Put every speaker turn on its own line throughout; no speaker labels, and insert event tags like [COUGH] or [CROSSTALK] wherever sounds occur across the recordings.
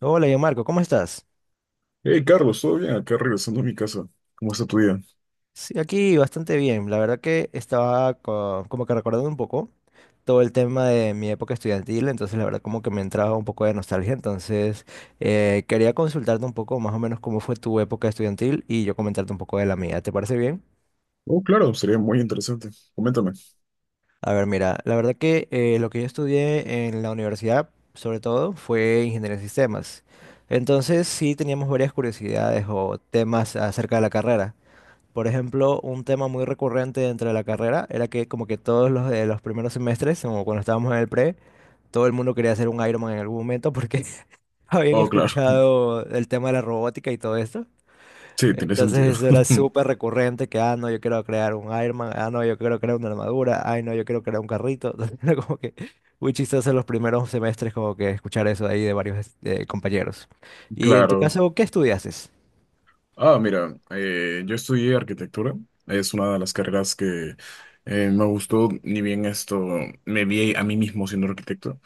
Hola, yo Marco, ¿cómo estás?
Hey Carlos, ¿todo bien? Acá regresando a mi casa. ¿Cómo está tu día?
Sí, aquí bastante bien. La verdad que estaba como que recordando un poco todo el tema de mi época estudiantil, entonces la verdad como que me entraba un poco de nostalgia, entonces quería consultarte un poco más o menos cómo fue tu época estudiantil y yo comentarte un poco de la mía. ¿Te parece bien?
Oh, claro, sería muy interesante. Coméntame.
A ver, mira, la verdad que lo que yo estudié en la universidad, sobre todo, fue ingeniería en sistemas. Entonces sí teníamos varias curiosidades o temas acerca de la carrera. Por ejemplo, un tema muy recurrente dentro de la carrera era que como que todos los de los primeros semestres, como cuando estábamos en el pre, todo el mundo quería hacer un Ironman en algún momento porque [LAUGHS] habían
Oh, claro.
escuchado el tema de la robótica y todo esto.
Sí, tiene sentido.
Entonces eso era
[LAUGHS]
súper recurrente que, ah, no, yo quiero crear un Ironman, ah, no, yo quiero crear una armadura, ay, no, yo quiero crear un carrito. [LAUGHS] Entonces era como que muy chistoso los primeros semestres como que escuchar eso ahí de varios compañeros. Y en tu
Claro.
caso, ¿qué estudiaste?
Ah, mira, yo estudié arquitectura. Es una de las carreras que me gustó, ni bien esto, me vi a mí mismo siendo arquitecto.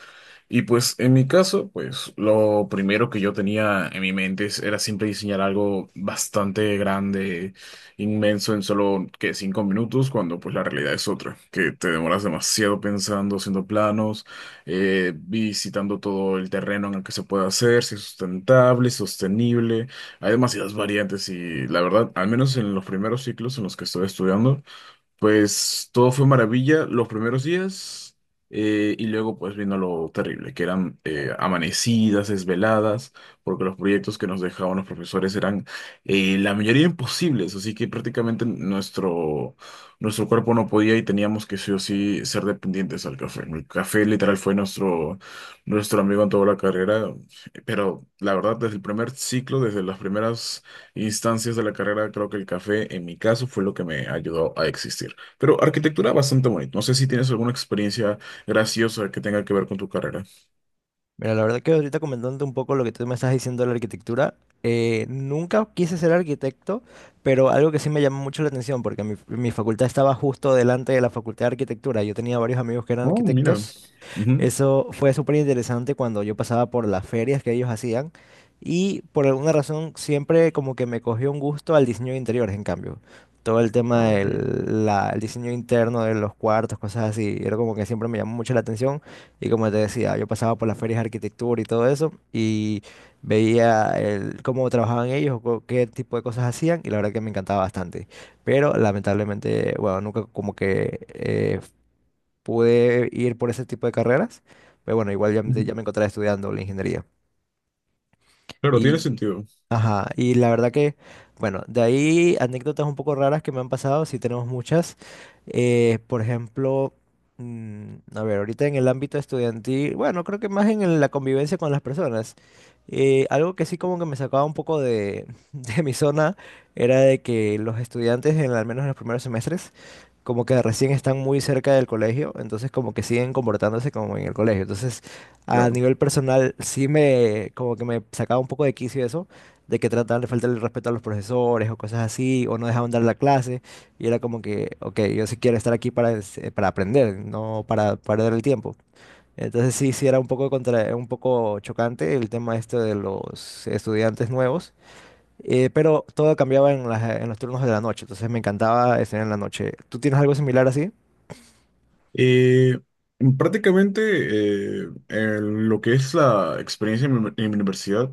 Y pues en mi caso, pues lo primero que yo tenía en mi mente era siempre diseñar algo bastante grande, inmenso en solo que 5 minutos, cuando pues la realidad es otra, que te demoras demasiado pensando, haciendo planos, visitando todo el terreno en el que se puede hacer, si es sustentable, sostenible, hay demasiadas variantes. Y la verdad, al menos en los primeros ciclos en los que estoy estudiando, pues todo fue maravilla los primeros días, y luego pues vino lo terrible, que eran amanecidas, desveladas, porque los proyectos que nos dejaban los profesores eran, la mayoría, imposibles, así que prácticamente nuestro cuerpo no podía y teníamos que sí o sí ser dependientes al café. El café literal fue nuestro amigo en toda la carrera, pero la verdad, desde el primer ciclo, desde las primeras instancias de la carrera, creo que el café en mi caso fue lo que me ayudó a existir. Pero arquitectura, bastante bonita. No sé si tienes alguna experiencia graciosa que tenga que ver con tu carrera.
Mira, la verdad que ahorita comentando un poco lo que tú me estás diciendo de la arquitectura, nunca quise ser arquitecto, pero algo que sí me llamó mucho la atención, porque mi facultad estaba justo delante de la facultad de arquitectura. Yo tenía varios amigos que eran
Oh, mira.
arquitectos.
Ujú.
Eso fue súper interesante cuando yo pasaba por las ferias que ellos hacían y por alguna razón siempre como que me cogió un gusto al diseño de interiores, en cambio. Todo el tema
Ok.
el diseño interno de los cuartos, cosas así, era como que siempre me llamó mucho la atención, y como te decía, yo pasaba por las ferias de arquitectura y todo eso y veía el, cómo trabajaban ellos, o qué tipo de cosas hacían y la verdad que me encantaba bastante. Pero lamentablemente, bueno, nunca como que pude ir por ese tipo de carreras, pero bueno, igual ya,
Ujú.
ya me encontraba estudiando la ingeniería.
Claro, tiene
Y
sentido.
Ajá, y la verdad que, bueno, de ahí anécdotas un poco raras que me han pasado, sí tenemos muchas. Por ejemplo, a ver, ahorita en el ámbito estudiantil, bueno, creo que más en la convivencia con las personas. Eh, algo que sí como que me sacaba un poco de, [LAUGHS] de mi zona era de que los estudiantes, en, al menos en los primeros semestres, como que recién están muy cerca del colegio, entonces como que siguen comportándose como en el colegio. Entonces, a
Claro.
nivel personal, sí me, como que me sacaba un poco de quicio eso, de que trataban de faltarle el respeto a los profesores o cosas así, o no dejaban dar la clase, y era como que, ok, yo sí quiero estar aquí para, para aprender, no para perder el tiempo. Entonces sí, sí era un poco contra, un poco chocante el tema este de los estudiantes nuevos, pero todo cambiaba en en los turnos de la noche, entonces me encantaba estar en la noche. ¿Tú tienes algo similar así?
Eh, prácticamente en lo que es la experiencia en mi universidad,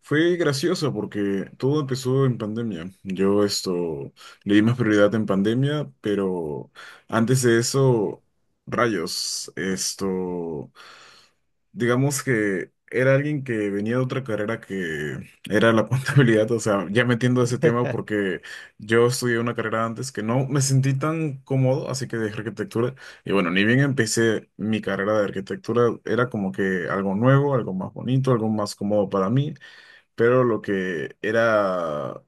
fue graciosa, porque todo empezó en pandemia. Yo esto le di más prioridad en pandemia, pero antes de eso, rayos, esto, digamos que era alguien que venía de otra carrera, que era la [LAUGHS] contabilidad, o sea, ya metiendo ese tema, porque yo estudié una carrera antes, que no me sentí tan cómodo, así que dejé arquitectura. Y bueno, ni bien empecé mi carrera de arquitectura, era como que algo nuevo, algo más bonito, algo más cómodo para mí, pero lo que era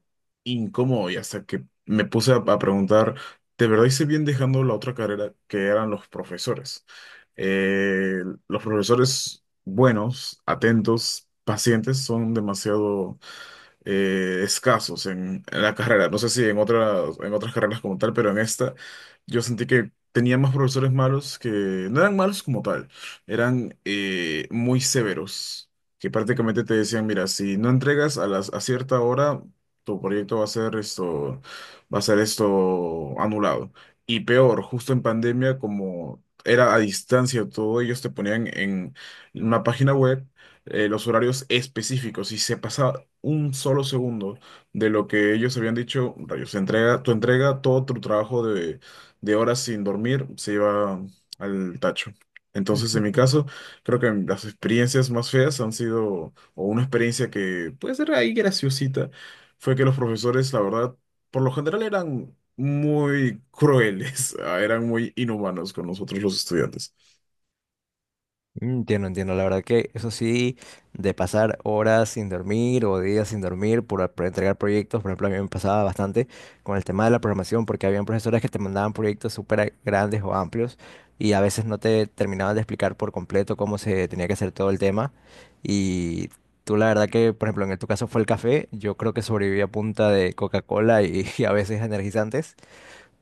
incómodo y hasta que me puse a preguntar, ¿de verdad hice bien dejando la otra carrera? Que eran los profesores. Eh, los profesores buenos, atentos, pacientes son demasiado escasos en la carrera. No sé si en otras carreras como tal, pero en esta yo sentí que tenía más profesores malos, que no eran malos como tal, eran muy severos, que prácticamente te decían, mira, si no entregas a cierta hora, tu proyecto va a ser esto, anulado. Y peor, justo en pandemia, como era a distancia todo, ellos te ponían en una página web los horarios específicos. Si se pasa un solo segundo de lo que ellos habían dicho, rayos, tu entrega, todo tu trabajo de horas sin dormir, se lleva al tacho. Entonces, en mi
[LAUGHS]
caso, creo que las experiencias más feas han sido, o una experiencia que puede ser ahí graciosita, fue que los profesores, la verdad, por lo general, eran muy crueles, [LAUGHS] eran muy inhumanos con nosotros, los estudiantes.
Entiendo, entiendo. La verdad que eso sí, de pasar horas sin dormir o días sin dormir por entregar proyectos, por ejemplo, a mí me pasaba bastante con el tema de la programación, porque habían profesores que te mandaban proyectos súper grandes o amplios y a veces no te terminaban de explicar por completo cómo se tenía que hacer todo el tema. Y tú, la verdad que, por ejemplo, en tu caso fue el café, yo creo que sobreviví a punta de Coca-Cola y, [LAUGHS] y a veces energizantes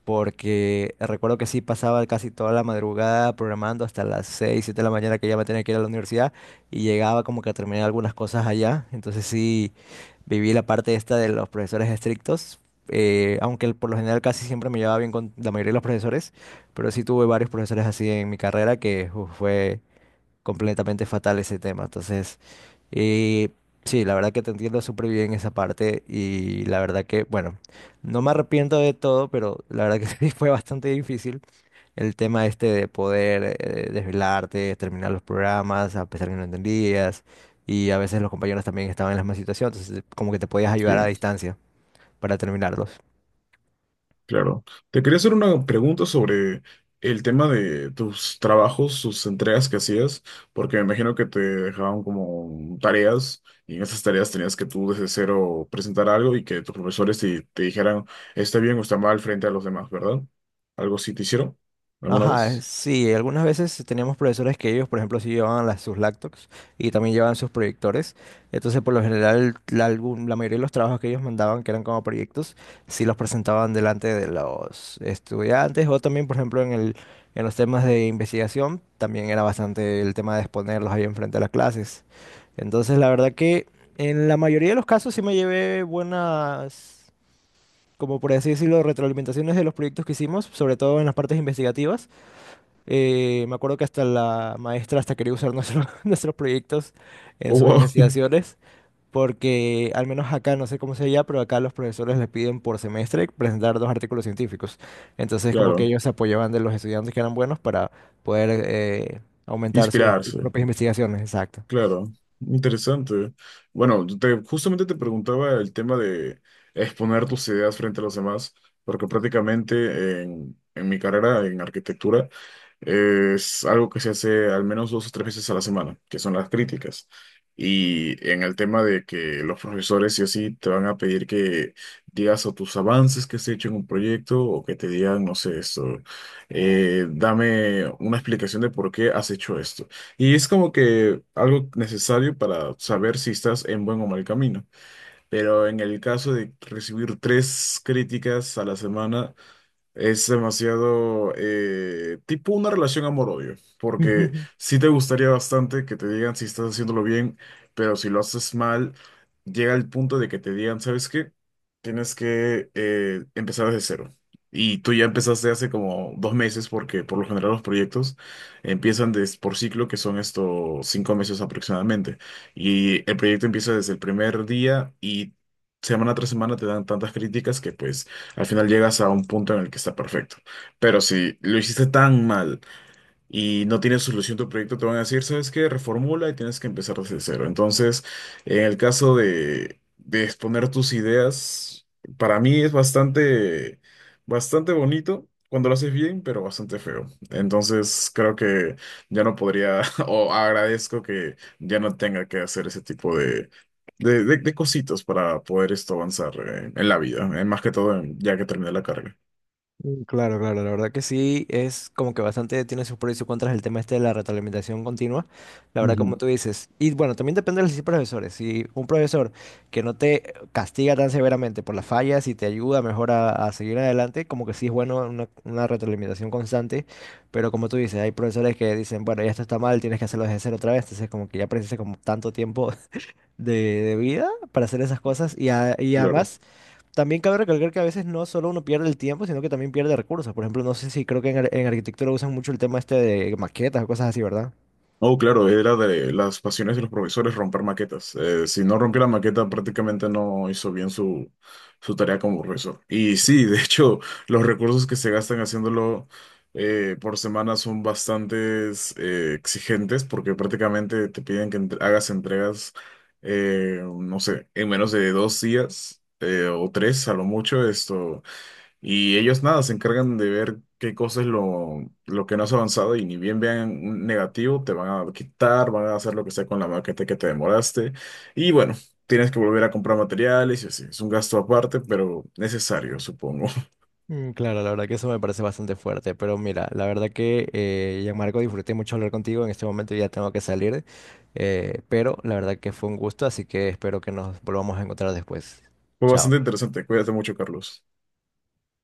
porque recuerdo que sí pasaba casi toda la madrugada programando hasta las 6-7 de la mañana que ya me tenía que ir a la universidad y llegaba como que a terminar algunas cosas allá. Entonces sí viví la parte esta de los profesores estrictos, aunque por lo general casi siempre me llevaba bien con la mayoría de los profesores, pero sí tuve varios profesores así en mi carrera que uf, fue completamente fatal ese tema. Entonces, eh, sí, la verdad que te entiendo súper bien esa parte y la verdad que, bueno, no me arrepiento de todo, pero la verdad que [LAUGHS] sí fue bastante difícil el tema este de poder desvelarte, terminar los programas a pesar que no entendías y a veces los compañeros también estaban en la misma situación, entonces como que te podías ayudar a
Sí.
distancia para terminarlos.
Claro. Te quería hacer una pregunta sobre el tema de tus trabajos, sus entregas que hacías, porque me imagino que te dejaban como tareas, y en esas tareas tenías que tú desde cero presentar algo y que tus profesores te dijeran, está bien o está mal, frente a los demás, ¿verdad? ¿Algo así te hicieron alguna
Ajá,
vez?
sí, algunas veces teníamos profesores que ellos, por ejemplo, sí llevaban sus laptops y también llevaban sus proyectores. Entonces, por lo general, la mayoría de los trabajos que ellos mandaban, que eran como proyectos, sí los presentaban delante de los estudiantes o también, por ejemplo, en los temas de investigación, también era bastante el tema de exponerlos ahí enfrente de las clases. Entonces, la verdad que en la mayoría de los casos sí me llevé buenas, como por así decirlo, retroalimentaciones de los proyectos que hicimos, sobre todo en las partes investigativas. Me acuerdo que hasta la maestra hasta quería usar [LAUGHS] nuestros proyectos en
Oh,
sus
wow. [LAUGHS]
investigaciones, porque al menos acá, no sé cómo sea allá, pero acá los profesores les piden por semestre presentar dos artículos científicos. Entonces, como que
Claro,
ellos se apoyaban de los estudiantes que eran buenos para poder aumentar sus
inspirarse.
propias investigaciones. Exacto.
Claro, interesante. Bueno, yo justamente te preguntaba el tema de exponer tus ideas frente a los demás, porque prácticamente en mi carrera en arquitectura es algo que se hace al menos dos o tres veces a la semana, que son las críticas. Y en el tema de que los profesores sí o sí te van a pedir que digas, o tus avances que has hecho en un proyecto, o que te digan, no sé, esto, dame una explicación de por qué has hecho esto. Y es como que algo necesario para saber si estás en buen o mal camino. Pero en el caso de recibir tres críticas a la semana, es demasiado, tipo una relación amor-odio, porque
[LAUGHS]
sí te gustaría bastante que te digan si estás haciéndolo bien, pero si lo haces mal, llega el punto de que te digan, ¿sabes qué? Tienes que empezar desde cero. Y tú ya empezaste hace como 2 meses, porque por lo general los proyectos empiezan por ciclo, que son estos 5 meses aproximadamente. Y el proyecto empieza desde el primer día, y semana tras semana te dan tantas críticas que pues al final llegas a un punto en el que está perfecto. Pero si lo hiciste tan mal y no tienes solución tu proyecto, te van a decir, ¿sabes qué? Reformula, y tienes que empezar desde cero. Entonces, en el caso de, exponer tus ideas, para mí es bastante, bastante bonito cuando lo haces bien, pero bastante feo. Entonces creo que ya no podría, [LAUGHS] o agradezco que ya no tenga que hacer ese tipo de cositas para poder esto avanzar en la vida, más que todo ya que terminé la carrera.
Claro, claro, la verdad que sí, es como que bastante tiene sus pros y sus contras el tema este de la retroalimentación continua, la verdad como
Ujú.
tú dices. Y bueno, también depende de los profesores, si un profesor que no te castiga tan severamente por las fallas y te ayuda mejor a seguir adelante, como que sí es bueno una retroalimentación constante, pero como tú dices, hay profesores que dicen, bueno, ya esto está mal, tienes que hacerlo desde cero otra vez, entonces como que ya precisa como tanto tiempo [LAUGHS] de, de vida para hacer esas cosas y, y
Claro.
además también cabe recalcar que a veces no solo uno pierde el tiempo, sino que también pierde recursos. Por ejemplo, no sé si creo que en, en arquitectura usan mucho el tema este de maquetas o cosas así, ¿verdad?
Oh, claro, era de las pasiones de los profesores romper maquetas. Si no rompió la maqueta, prácticamente no hizo bien su tarea como profesor. Y sí, de hecho, [LAUGHS] los recursos que se gastan haciéndolo, por semana, son bastante exigentes, porque prácticamente te piden que hagas entregas, no sé, en menos de 2 días, o 3 a lo mucho. Esto. Y ellos nada, se encargan de ver qué cosa es lo que no has avanzado, y ni bien vean un negativo, te van a quitar, van a hacer lo que sea con la maqueta que te demoraste. Y bueno, tienes que volver a comprar materiales y así. Es un gasto aparte, pero necesario, supongo. [LAUGHS]
Claro, la verdad que eso me parece bastante fuerte, pero mira, la verdad que Gianmarco, disfruté mucho hablar contigo, en este momento ya tengo que salir, pero la verdad que fue un gusto, así que espero que nos volvamos a encontrar después.
Fue bastante
Chao.
interesante. Cuídate mucho, Carlos.